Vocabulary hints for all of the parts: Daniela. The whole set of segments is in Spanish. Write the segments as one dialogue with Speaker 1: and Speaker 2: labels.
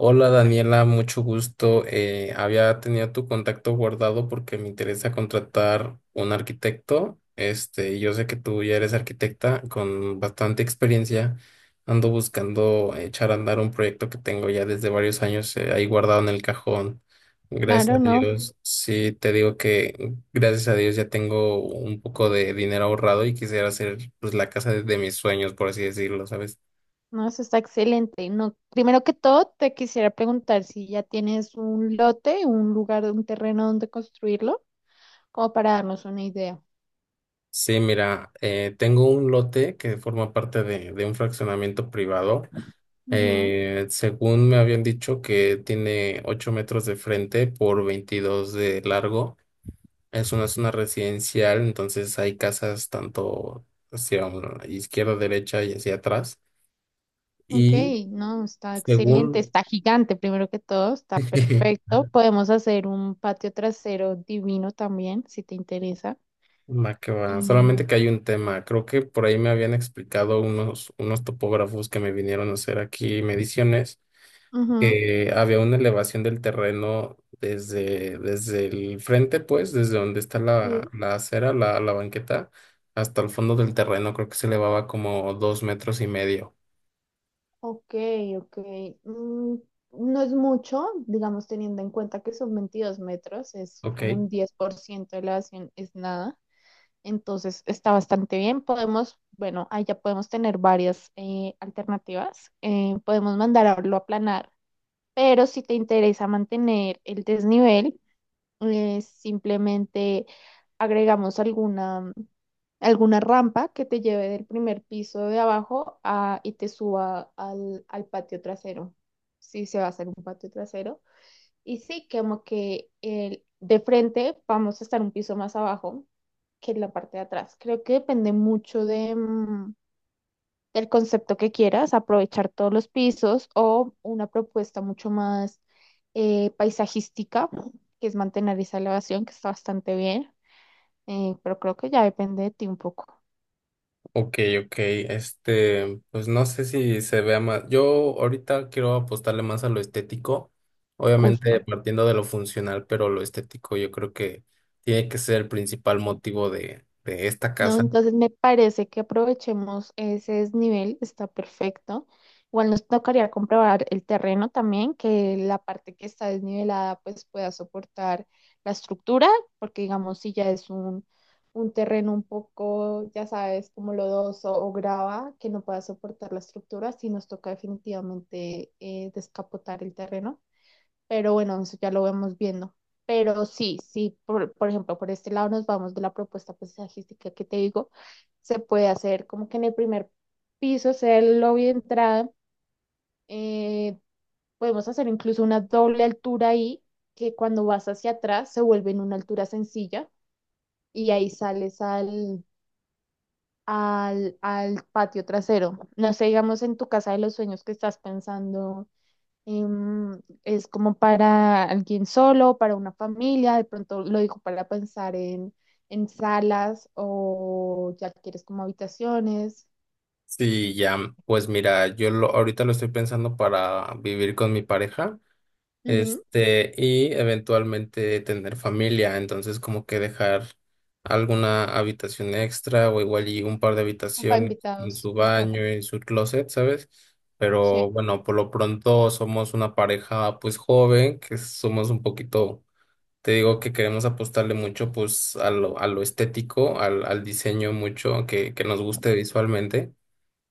Speaker 1: Hola Daniela, mucho gusto. Había tenido tu contacto guardado porque me interesa contratar un arquitecto. Este, y yo sé que tú ya eres arquitecta con bastante experiencia. Ando buscando echar a andar un proyecto que tengo ya desde varios años ahí guardado en el cajón. Gracias
Speaker 2: Claro,
Speaker 1: a
Speaker 2: no,
Speaker 1: Dios, sí te digo que gracias a Dios ya tengo un poco de dinero ahorrado y quisiera hacer pues la casa de mis sueños, por así decirlo, ¿sabes?
Speaker 2: no, eso está excelente. No, primero que todo, te quisiera preguntar si ya tienes un lote, un lugar, un terreno donde construirlo, como para darnos una idea.
Speaker 1: Sí, mira, tengo un lote que forma parte de un fraccionamiento privado.
Speaker 2: Ujú.
Speaker 1: Según me habían dicho que tiene 8 metros de frente por 22 de largo. Es una zona residencial, entonces hay casas tanto hacia izquierda, derecha y hacia atrás.
Speaker 2: Ok,
Speaker 1: Y
Speaker 2: no, está excelente,
Speaker 1: según…
Speaker 2: está gigante, primero que todo, está perfecto. Podemos hacer un patio trasero divino también, si te interesa.
Speaker 1: Ma que va. Solamente
Speaker 2: Y,
Speaker 1: que hay un tema. Creo que por ahí me habían explicado unos topógrafos que me vinieron a hacer aquí mediciones
Speaker 2: ujú.
Speaker 1: que había una elevación del terreno desde el frente, pues, desde donde está
Speaker 2: Sí.
Speaker 1: la acera, la banqueta, hasta el fondo del terreno. Creo que se elevaba como 2,5 metros.
Speaker 2: Ok, ok. Mm, no es mucho, digamos, teniendo en cuenta que son 22 metros, es
Speaker 1: Ok,
Speaker 2: como un 10% de la elevación, es nada. Entonces está bastante bien. Podemos, bueno, ahí ya podemos tener varias alternativas. Podemos mandarlo a aplanar, pero si te interesa mantener el desnivel, simplemente agregamos alguna, alguna rampa que te lleve del primer piso de abajo y te suba al patio trasero. Sí, se va a hacer un patio trasero. Y sí, como que el, de frente vamos a estar un piso más abajo que en la parte de atrás. Creo que depende mucho de, el concepto que quieras, aprovechar todos los pisos o una propuesta mucho más paisajística, que es mantener esa elevación, que está bastante bien, pero creo que ya depende de ti un poco,
Speaker 1: ok, ok. Este, pues no sé si se vea más. Yo ahorita quiero apostarle más a lo estético, obviamente
Speaker 2: justo.
Speaker 1: partiendo de lo funcional, pero lo estético yo creo que tiene que ser el principal motivo de esta
Speaker 2: No,
Speaker 1: casa.
Speaker 2: entonces me parece que aprovechemos ese desnivel, está perfecto. Igual nos tocaría comprobar el terreno también, que la parte que está desnivelada pues pueda soportar la estructura, porque digamos si ya es un terreno un poco, ya sabes, como lodoso o grava, que no pueda soportar la estructura, sí nos toca definitivamente descapotar el terreno. Pero bueno, eso ya lo vemos viendo. Pero sí, sí, por ejemplo, por este lado nos vamos de la propuesta paisajística que te digo. Se puede hacer como que en el primer piso sea el lobby de entrada. eh, Podemos hacer incluso una doble altura ahí, que cuando vas hacia atrás se vuelve en una altura sencilla y ahí sales al patio trasero. No sé, digamos en tu casa de los sueños que estás pensando es como para alguien solo, para una familia, de pronto lo dijo para pensar en salas o ya quieres como habitaciones.
Speaker 1: Sí, ya, pues mira, ahorita lo estoy pensando para vivir con mi pareja,
Speaker 2: Ujú.
Speaker 1: este, y eventualmente tener familia, entonces como que dejar alguna habitación extra o igual y un par de
Speaker 2: O para
Speaker 1: habitaciones con
Speaker 2: invitados,
Speaker 1: su
Speaker 2: total.
Speaker 1: baño y su closet, ¿sabes?
Speaker 2: Sí,
Speaker 1: Pero bueno, por lo pronto somos una pareja pues joven, que somos un poquito, te digo que queremos apostarle mucho pues a a lo estético, al diseño mucho que nos guste visualmente.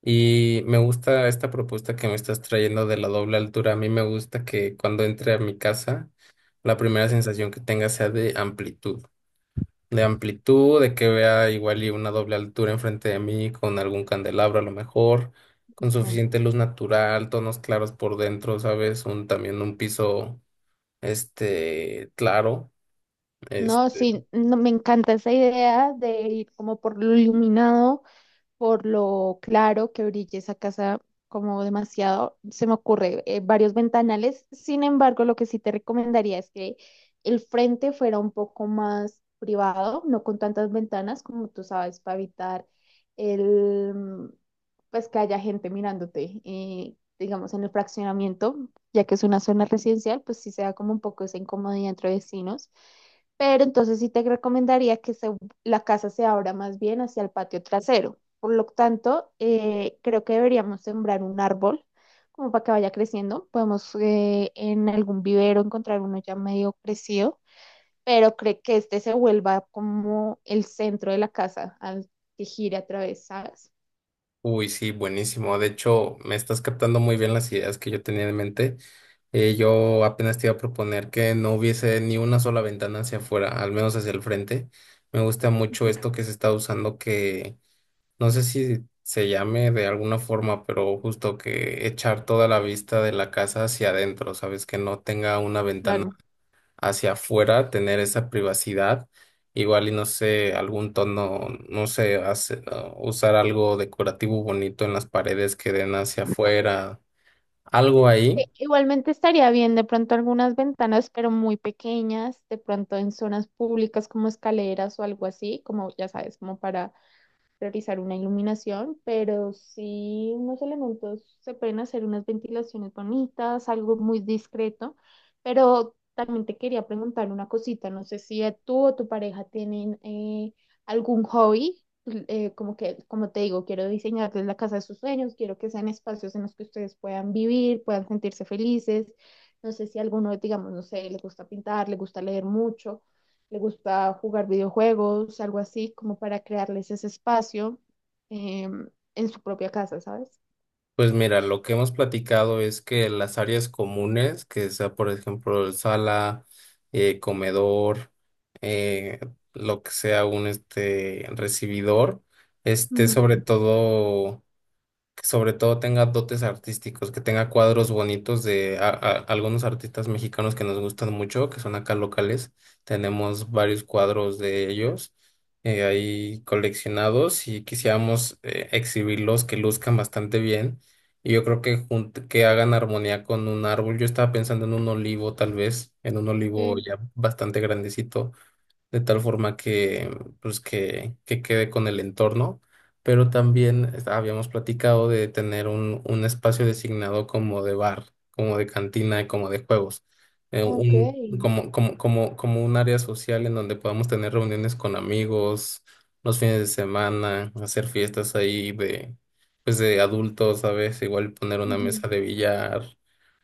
Speaker 1: Y me gusta esta propuesta que me estás trayendo de la doble altura. A mí me gusta que cuando entre a mi casa, la primera sensación que tenga sea de amplitud. De amplitud, de que vea igual y una doble altura enfrente de mí con algún candelabro a lo mejor, con
Speaker 2: justo.
Speaker 1: suficiente luz natural, tonos claros por dentro, ¿sabes? Un, también un piso, este, claro.
Speaker 2: No, sí, no, me encanta esa idea de ir como por lo iluminado por lo claro que brille esa casa como demasiado, se me ocurre varios ventanales. Sin embargo, lo que sí te recomendaría es que el frente fuera un poco más privado, no con tantas ventanas como tú sabes, para evitar el, mm, pues que haya gente mirándote. Digamos, en el fraccionamiento, ya que es una zona residencial, pues sí se da como un poco esa incomodidad entre vecinos. Pero entonces sí te recomendaría que la casa se abra más bien hacia el patio trasero. Por lo tanto, creo que deberíamos sembrar un árbol como para que vaya creciendo. Podemos en algún vivero encontrar uno ya medio crecido, pero creo que este se vuelva como el centro de la casa al que gire a través, ¿sabes?
Speaker 1: Uy, sí, buenísimo. De hecho, me estás captando muy bien las ideas que yo tenía en mente. Yo apenas te iba a proponer que no hubiese ni una sola ventana hacia afuera, al menos hacia el frente. Me gusta mucho
Speaker 2: Ujú.
Speaker 1: esto que se está usando, que no sé si se llame de alguna forma, pero justo que echar toda la vista de la casa hacia adentro, ¿sabes? Que no tenga una ventana
Speaker 2: Claro.
Speaker 1: hacia afuera, tener esa privacidad, igual y no sé, algún tono, no sé, usar algo decorativo bonito en las paredes que den hacia afuera, algo ahí.
Speaker 2: Igualmente estaría bien de pronto algunas ventanas, pero muy pequeñas, de pronto en zonas públicas como escaleras o algo así, como ya sabes, como para realizar una iluminación, pero sí unos elementos, se pueden hacer unas ventilaciones bonitas, algo muy discreto, pero también te quería preguntar una cosita, no sé si tú o tu pareja tienen algún hobby, como que, como te digo, quiero diseñarles la casa de sus sueños, quiero que sean espacios en los que ustedes puedan vivir, puedan sentirse felices, no sé si alguno, digamos, no sé, le gusta pintar, le gusta leer mucho, le gusta jugar videojuegos, algo así, como para crearles ese espacio em, en su propia casa, ¿sabes?
Speaker 1: Pues mira, lo que hemos platicado es que las áreas comunes, que sea por ejemplo el sala, comedor, eh, lo que sea un este recibidor, esté
Speaker 2: Ujú.
Speaker 1: sobre todo que sobre todo tenga dotes artísticos, que tenga cuadros bonitos de algunos artistas mexicanos que nos gustan mucho, que son acá locales. Tenemos varios cuadros de ellos ahí coleccionados y quisiéramos exhibirlos que luzcan bastante bien. Y yo creo que que hagan armonía con un árbol. Yo estaba pensando en un olivo, tal vez, en un olivo
Speaker 2: Sí,
Speaker 1: ya bastante grandecito de tal forma que, pues, que quede con el entorno, pero también habíamos platicado de tener un espacio designado como de bar, como de cantina y como de juegos,
Speaker 2: ok.
Speaker 1: un, como, como, como, como un área social en donde podamos tener reuniones con amigos los fines de semana, hacer fiestas ahí de, pues, de adultos, ¿sabes? Igual poner una
Speaker 2: Ujú.
Speaker 1: mesa de billar,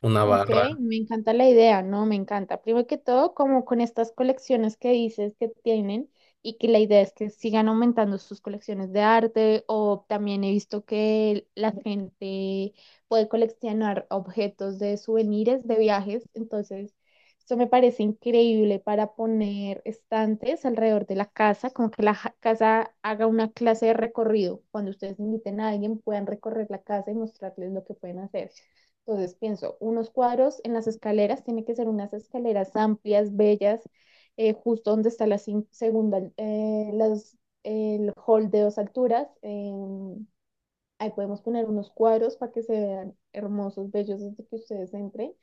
Speaker 1: una
Speaker 2: Ok,
Speaker 1: barra.
Speaker 2: me encanta la idea, ¿no? Me encanta. Primero que todo, como con estas colecciones que dices que tienen y que la idea es que sigan aumentando sus colecciones de arte o también he visto que la gente puede coleccionar objetos de souvenirs de viajes, entonces esto me parece increíble para poner estantes alrededor de la casa, como que la casa haga una clase de recorrido. Cuando ustedes inviten a alguien, puedan recorrer la casa y mostrarles lo que pueden hacer. Entonces pienso, unos cuadros en las escaleras, tiene que ser unas escaleras amplias, bellas, justo donde está la segunda, el hall de dos alturas. Ahí podemos poner unos cuadros para que se vean hermosos, bellos desde que ustedes entren.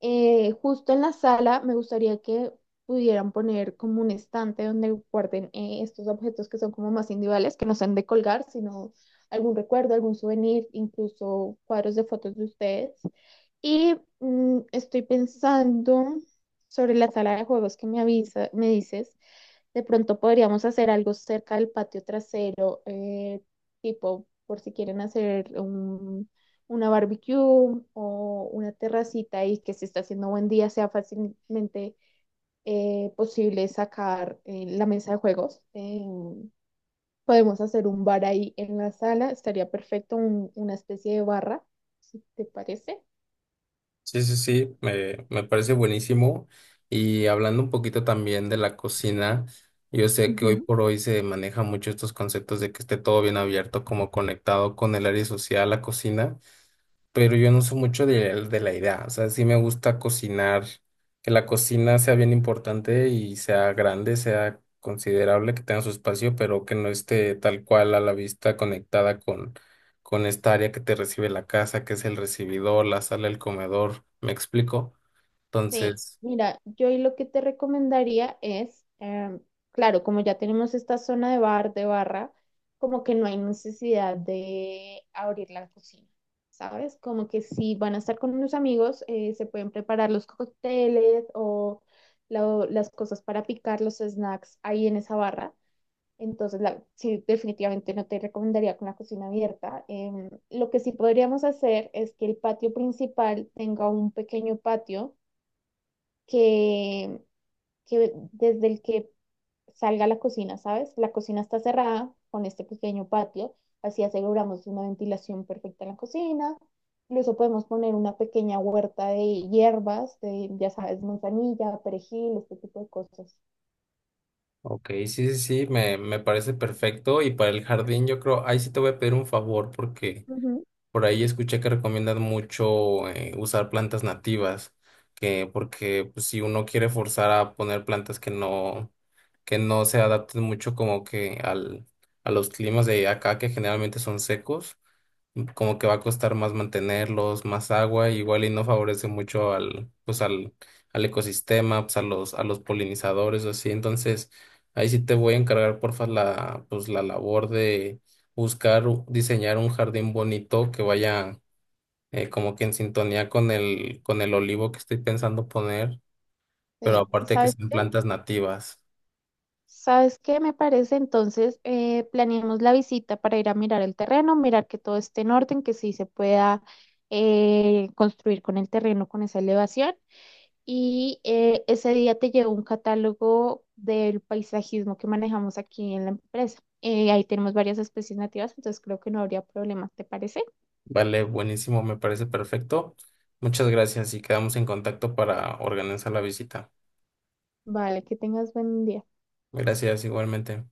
Speaker 2: Justo en la sala me gustaría que pudieran poner como un estante donde guarden estos objetos que son como más individuales, que no sean de colgar, sino algún recuerdo, algún souvenir, incluso cuadros de fotos de ustedes. Y estoy pensando sobre la sala de juegos que me avisa, me dices. De pronto podríamos hacer algo cerca del patio trasero, tipo por si quieren hacer una barbecue o una terracita y que se está haciendo buen día, sea fácilmente posible sacar la mesa de juegos. Podemos hacer un bar ahí en la sala, estaría perfecto, una especie de barra, si te parece.
Speaker 1: Sí, sí, sí, me parece buenísimo. Y hablando un poquito también de la cocina, yo sé que hoy por hoy se maneja mucho estos conceptos de que esté todo bien abierto, como conectado con el área social, la cocina, pero yo no soy mucho de la idea. O sea, sí me gusta cocinar, que la cocina sea bien importante y sea grande, sea considerable, que tenga su espacio, pero que no esté tal cual a la vista conectada con esta área que te recibe la casa, que es el recibidor, la sala, el comedor. ¿Me explico?
Speaker 2: Sí,
Speaker 1: Entonces,
Speaker 2: mira, yo y lo que te recomendaría es, claro, como ya tenemos esta zona de bar, de barra, como que no hay necesidad de abrir la cocina, ¿sabes? Como que si van a estar con unos amigos, se pueden preparar los cócteles o las cosas para picar los snacks ahí en esa barra. Entonces, sí, definitivamente no te recomendaría con la cocina abierta. Lo que sí podríamos hacer es que el patio principal tenga un pequeño patio que, que desde el que salga la cocina, ¿sabes? La cocina está cerrada con este pequeño patio, así aseguramos una ventilación perfecta en la cocina. Incluso podemos poner una pequeña huerta de hierbas, de, ya sabes, manzanilla, perejil, este tipo de cosas.
Speaker 1: ok, sí, sí, sí, me parece perfecto. Y para el jardín, yo creo, ahí sí te voy a pedir un favor porque…
Speaker 2: Ujú.
Speaker 1: Por ahí escuché que recomiendan mucho usar plantas nativas, que porque pues, si uno quiere forzar a poner plantas que no se adapten mucho como que al, a los climas de acá, que generalmente son secos, como que va a costar más mantenerlos, más agua, igual y no favorece mucho al, al ecosistema, pues a a los polinizadores o así. Entonces, ahí sí te voy a encargar, porfa, la, pues la labor de buscar, diseñar un jardín bonito que vaya como que en sintonía con con el olivo que estoy pensando poner, pero
Speaker 2: Sí,
Speaker 1: aparte que
Speaker 2: ¿sabes
Speaker 1: sean
Speaker 2: qué?
Speaker 1: plantas nativas.
Speaker 2: ¿Sabes qué me parece? Entonces, planeemos la visita para ir a mirar el terreno, mirar que todo esté en orden, que sí se pueda construir con el terreno, con esa elevación. Y ese día te llegó un catálogo del paisajismo que manejamos aquí en la empresa. Ahí tenemos varias especies nativas, entonces creo que no habría problema, ¿te parece?
Speaker 1: Vale, buenísimo, me parece perfecto. Muchas gracias y quedamos en contacto para organizar la visita.
Speaker 2: Vale, que tengas buen día.
Speaker 1: Gracias, igualmente.